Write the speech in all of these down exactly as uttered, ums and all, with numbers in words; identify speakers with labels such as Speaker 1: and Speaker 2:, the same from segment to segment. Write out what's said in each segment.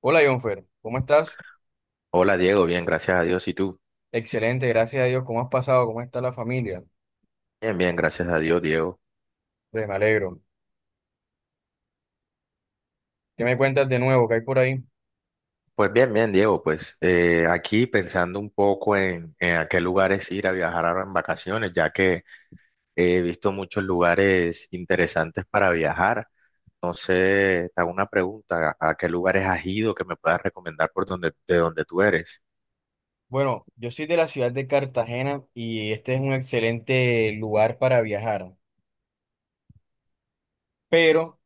Speaker 1: Hola, Jonfer, ¿cómo estás?
Speaker 2: Hola Diego, bien, gracias a Dios. ¿Y tú?
Speaker 1: Excelente, gracias a Dios. ¿Cómo has pasado? ¿Cómo está la familia?
Speaker 2: Bien, bien, gracias a Dios, Diego.
Speaker 1: Pues, me alegro. ¿Qué me cuentas de nuevo? ¿Qué hay por ahí?
Speaker 2: Pues bien, bien, Diego, pues eh, aquí pensando un poco en, en a qué lugares ir a viajar ahora en vacaciones, ya que he visto muchos lugares interesantes para viajar. No sé, te hago una pregunta, ¿a qué lugares has ido que me puedas recomendar por donde, de donde tú eres?
Speaker 1: Bueno, yo soy de la ciudad de Cartagena y este es un excelente lugar para viajar. Pero,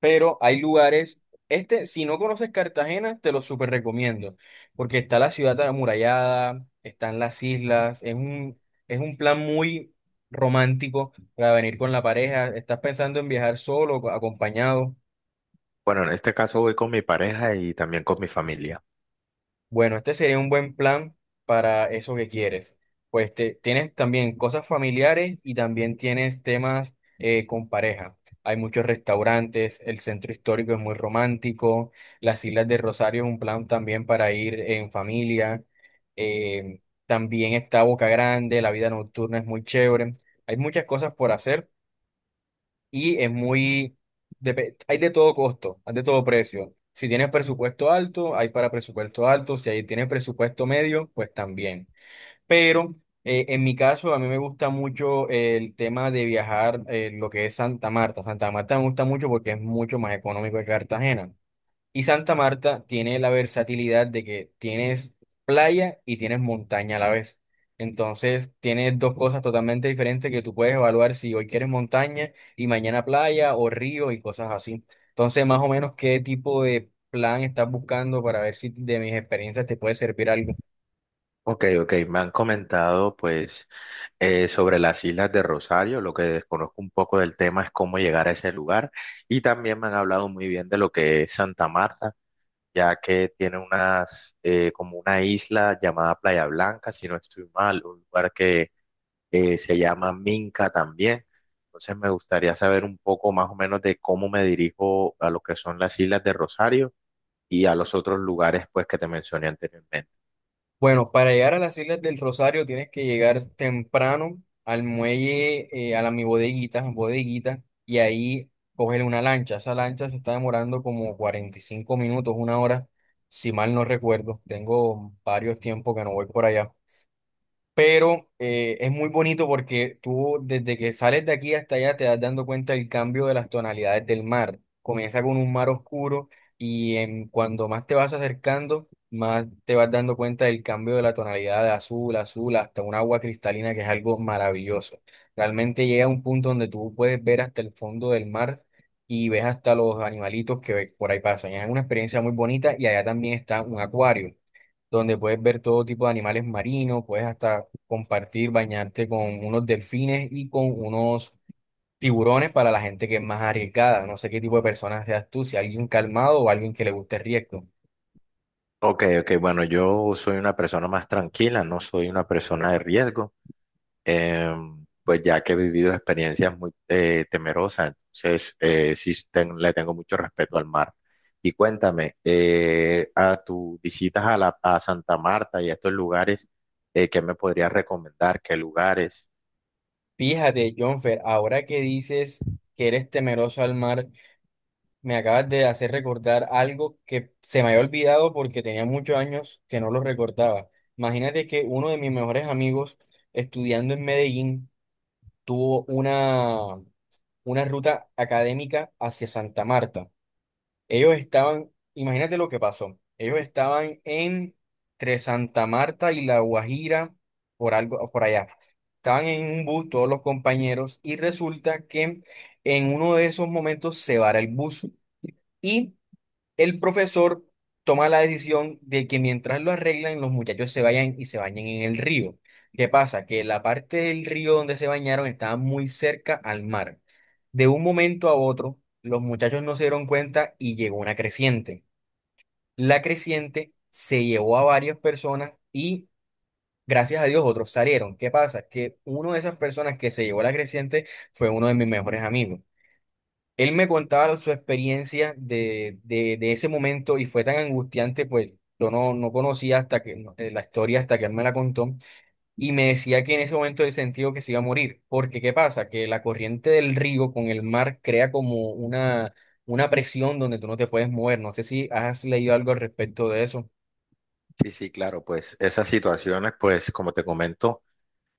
Speaker 1: pero hay lugares, este, si no conoces Cartagena, te lo súper recomiendo, porque está la ciudad amurallada, están las islas, es un, es un plan muy romántico para venir con la pareja. ¿Estás pensando en viajar solo o acompañado?
Speaker 2: Bueno, en este caso voy con mi pareja y también con mi familia.
Speaker 1: Bueno, este sería un buen plan para eso que quieres. Pues te- tienes también cosas familiares y también tienes temas eh, con pareja. Hay muchos restaurantes, el centro histórico es muy romántico, las Islas de Rosario es un plan también para ir en familia. eh, También está Boca Grande, la vida nocturna es muy chévere. Hay muchas cosas por hacer y es muy, depe- hay de todo costo, hay de todo precio. Si tienes presupuesto alto, hay para presupuesto alto, si ahí tienes presupuesto medio, pues también. Pero eh, en mi caso, a mí me gusta mucho el tema de viajar, eh, lo que es Santa Marta. Santa Marta me gusta mucho porque es mucho más económico que Cartagena. Y Santa Marta tiene la versatilidad de que tienes playa y tienes montaña a la vez. Entonces, tienes dos cosas totalmente diferentes que tú puedes evaluar si hoy quieres montaña y mañana playa o río y cosas así. Entonces, más o menos, ¿qué tipo de plan estás buscando para ver si de mis experiencias te puede servir algo?
Speaker 2: Ok, ok, me han comentado pues eh, sobre las islas de Rosario. Lo que desconozco un poco del tema es cómo llegar a ese lugar. Y también me han hablado muy bien de lo que es Santa Marta, ya que tiene unas, eh, como una isla llamada Playa Blanca, si no estoy mal, un lugar que eh, se llama Minca también. Entonces me gustaría saber un poco más o menos de cómo me dirijo a lo que son las islas de Rosario y a los otros lugares pues que te mencioné anteriormente.
Speaker 1: Bueno, para llegar a las Islas del Rosario tienes que llegar temprano al muelle, eh, a la mi bodeguita, bodeguita, y ahí coger una lancha. Esa lancha se está demorando como cuarenta y cinco minutos, una hora, si mal no recuerdo. Tengo varios tiempos que no voy por allá, pero eh, es muy bonito porque tú desde que sales de aquí hasta allá te das dando cuenta del cambio de las tonalidades del mar. Comienza con un mar oscuro y en, cuando más te vas acercando, más te vas dando cuenta del cambio de la tonalidad de azul, azul, hasta un agua cristalina que es algo maravilloso. Realmente llega a un punto donde tú puedes ver hasta el fondo del mar. Y ves hasta los animalitos que por ahí pasan. Es una experiencia muy bonita y allá también está un acuario donde puedes ver todo tipo de animales marinos, puedes hasta compartir, bañarte con unos delfines y con unos tiburones para la gente que es más arriesgada. No sé qué tipo de personas seas tú, si alguien calmado o alguien que le guste el riesgo.
Speaker 2: Ok, ok, bueno, yo soy una persona más tranquila, no soy una persona de riesgo. Em, pues ya que he vivido experiencias muy eh, temerosas, entonces eh, sí ten- le tengo mucho respeto al mar. Y cuéntame, eh, a tus visitas a, la, a Santa Marta y a estos lugares, eh, ¿qué me podrías recomendar? ¿Qué lugares?
Speaker 1: Fíjate, Jonfer, ahora que dices que eres temeroso al mar, me acabas de hacer recordar algo que se me había olvidado porque tenía muchos años que no lo recordaba. Imagínate que uno de mis mejores amigos, estudiando en Medellín, tuvo una una ruta académica hacia Santa Marta. Ellos estaban, imagínate lo que pasó. Ellos estaban entre Santa Marta y La Guajira, por algo, por allá. Estaban en un bus todos los compañeros y resulta que en uno de esos momentos se vara el bus y el profesor toma la decisión de que mientras lo arreglan, los muchachos se vayan y se bañen en el río. ¿Qué pasa? Que la parte del río donde se bañaron estaba muy cerca al mar. De un momento a otro, los muchachos no se dieron cuenta y llegó una creciente. La creciente se llevó a varias personas y, gracias a Dios, otros salieron. ¿Qué pasa? Que uno de esas personas que se llevó la creciente fue uno de mis mejores amigos. Él me contaba su experiencia de, de, de ese momento y fue tan angustiante, pues yo no, no conocía hasta que no, eh, la historia hasta que él me la contó y me decía que en ese momento él sentía que se iba a morir, porque ¿qué pasa? Que la corriente del río con el mar crea como una, una presión donde tú no te puedes mover. No sé si has leído algo al respecto de eso.
Speaker 2: Sí, sí, claro, pues esas situaciones, pues como te comento,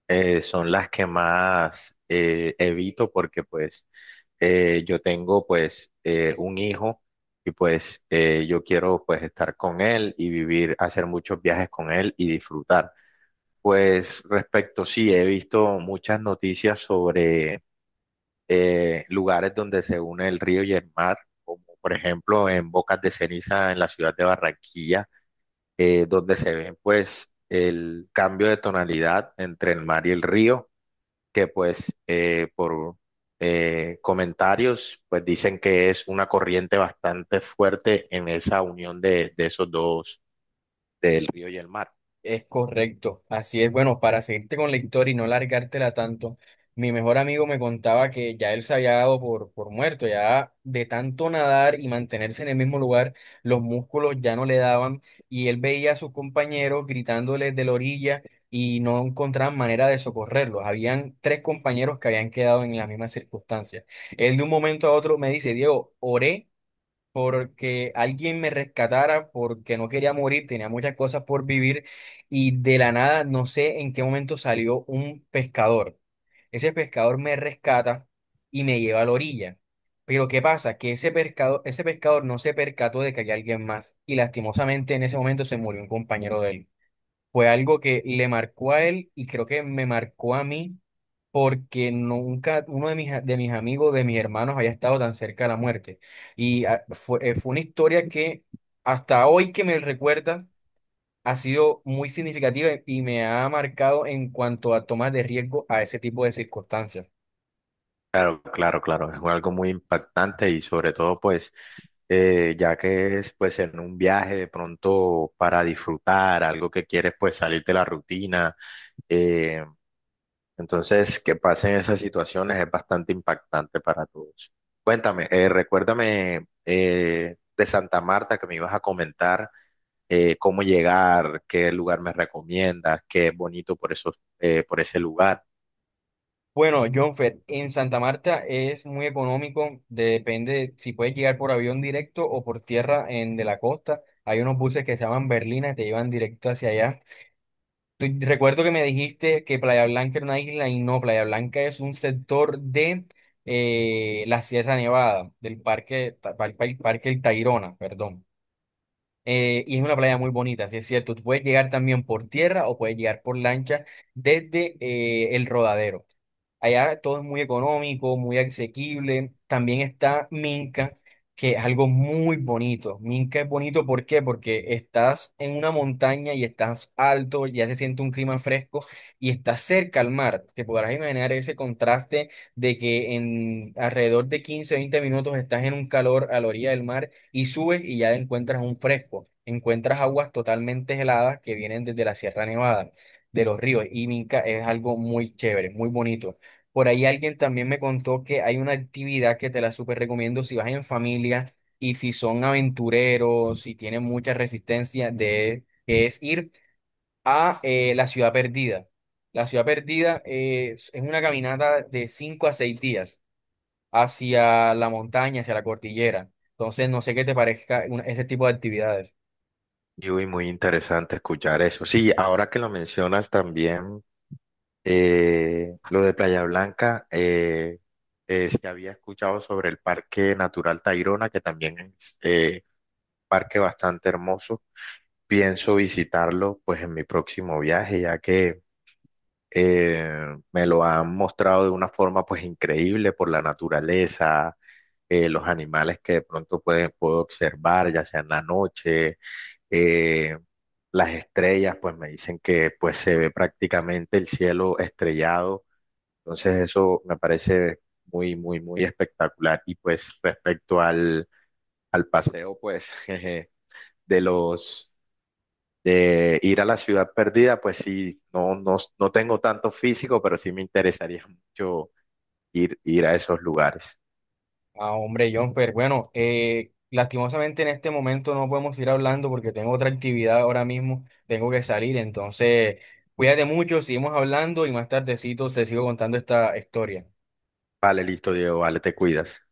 Speaker 2: eh, son las que más eh, evito porque pues eh, yo tengo pues eh, un hijo y pues eh, yo quiero pues estar con él y vivir, hacer muchos viajes con él y disfrutar. Pues respecto, sí, he visto muchas noticias sobre eh, lugares donde se une el río y el mar, como por ejemplo en Bocas de Ceniza en la ciudad de Barranquilla, eh, donde se ven pues el cambio de tonalidad entre el mar y el río que pues eh, por eh, comentarios pues dicen que es una corriente bastante fuerte en esa unión de, de esos dos, del río y el mar.
Speaker 1: Es correcto, así es. Bueno, para seguirte con la historia y no largártela tanto, mi mejor amigo me contaba que ya él se había dado por, por muerto, ya de tanto nadar y mantenerse en el mismo lugar, los músculos ya no le daban y él veía a sus compañeros gritándoles de la orilla y no encontraban manera de socorrerlos. Habían tres compañeros que habían quedado en las mismas circunstancias. Él de un momento a otro me dice, Diego, oré porque alguien me rescatara, porque no quería morir, tenía muchas cosas por vivir y de la nada, no sé en qué momento salió un pescador. Ese pescador me rescata y me lleva a la orilla. Pero ¿qué pasa? Que ese pescado ese pescador no se percató de que había alguien más y lastimosamente en ese momento se murió un compañero de él. Fue algo que le marcó a él y creo que me marcó a mí porque nunca uno de mis, a- de mis amigos, de mis hermanos había estado tan cerca de la muerte. Y ah, fue, eh, fue una historia que hasta hoy que me recuerda ha sido muy significativa y me ha marcado en cuanto a tomas de riesgo a ese tipo de circunstancias.
Speaker 2: Claro, claro, claro, es algo muy impactante y sobre todo pues eh, ya que es pues en un viaje de pronto para disfrutar, algo que quieres pues salir de la rutina. Eh, Entonces, que pasen esas situaciones es bastante impactante para todos. Cuéntame, eh, recuérdame eh, de Santa Marta que me ibas a comentar eh, cómo llegar, qué lugar me recomiendas, qué es bonito por esos, eh, por ese lugar.
Speaker 1: Bueno, Jonfer, en Santa Marta es muy económico, de- depende si puedes llegar por avión directo o por tierra en de la costa. Hay unos buses que se llaman Berlina que te llevan directo hacia allá. Tú- recuerdo que me dijiste que Playa Blanca era una isla y no, Playa Blanca es un sector de eh, la Sierra Nevada, del parque, Ta- par- par- parque El Tayrona, perdón. Eh, y es una playa muy bonita, sí es cierto. Tú puedes llegar también por tierra o puedes llegar por lancha desde eh, el Rodadero. Allá todo es muy económico, muy asequible. También está Minca, que es algo muy bonito. Minca es bonito, ¿por qué? Porque estás en una montaña y estás alto, ya se siente un clima fresco y estás cerca al mar. Te podrás imaginar ese contraste de que en alrededor de quince, veinte minutos estás en un calor a la orilla del mar y subes y ya encuentras un fresco. Encuentras aguas totalmente heladas que vienen desde la Sierra Nevada de los ríos. Y Minca es algo muy chévere, muy bonito. Por ahí alguien también me contó que hay una actividad que te la súper recomiendo si vas en familia y si son aventureros, si tienen mucha resistencia, de, que es ir a eh, la Ciudad Perdida. La Ciudad Perdida eh, es, es una caminata de cinco a seis días hacia la montaña, hacia la cordillera. Entonces, no sé qué te parezca una- ese tipo de actividades.
Speaker 2: Y uy, muy interesante escuchar eso. Sí, ahora que lo mencionas también, eh, lo de Playa Blanca, eh, eh, sí había escuchado sobre el Parque Natural Tayrona, que también es eh, parque bastante hermoso. Pienso visitarlo pues en mi próximo viaje, ya que eh, me lo han mostrado de una forma pues increíble por la naturaleza, eh, los animales que de pronto puede- puedo observar, ya sea en la noche, eh, las estrellas, pues me dicen que pues se ve prácticamente el cielo estrellado, entonces eso me parece muy, muy, muy espectacular. Y pues respecto al, al paseo, pues... jeje, de los de ir a la ciudad perdida, pues sí, no, no, no tengo tanto físico, pero sí me interesaría mucho ir, ir a esos lugares.
Speaker 1: Ah, hombre, Jonfer, bueno, eh, lastimosamente en este momento no podemos ir hablando porque tengo otra actividad ahora mismo, tengo que salir, entonces cuídate mucho, seguimos hablando y más tardecito te sigo contando esta historia.
Speaker 2: Vale, listo, Diego, vale, te cuidas.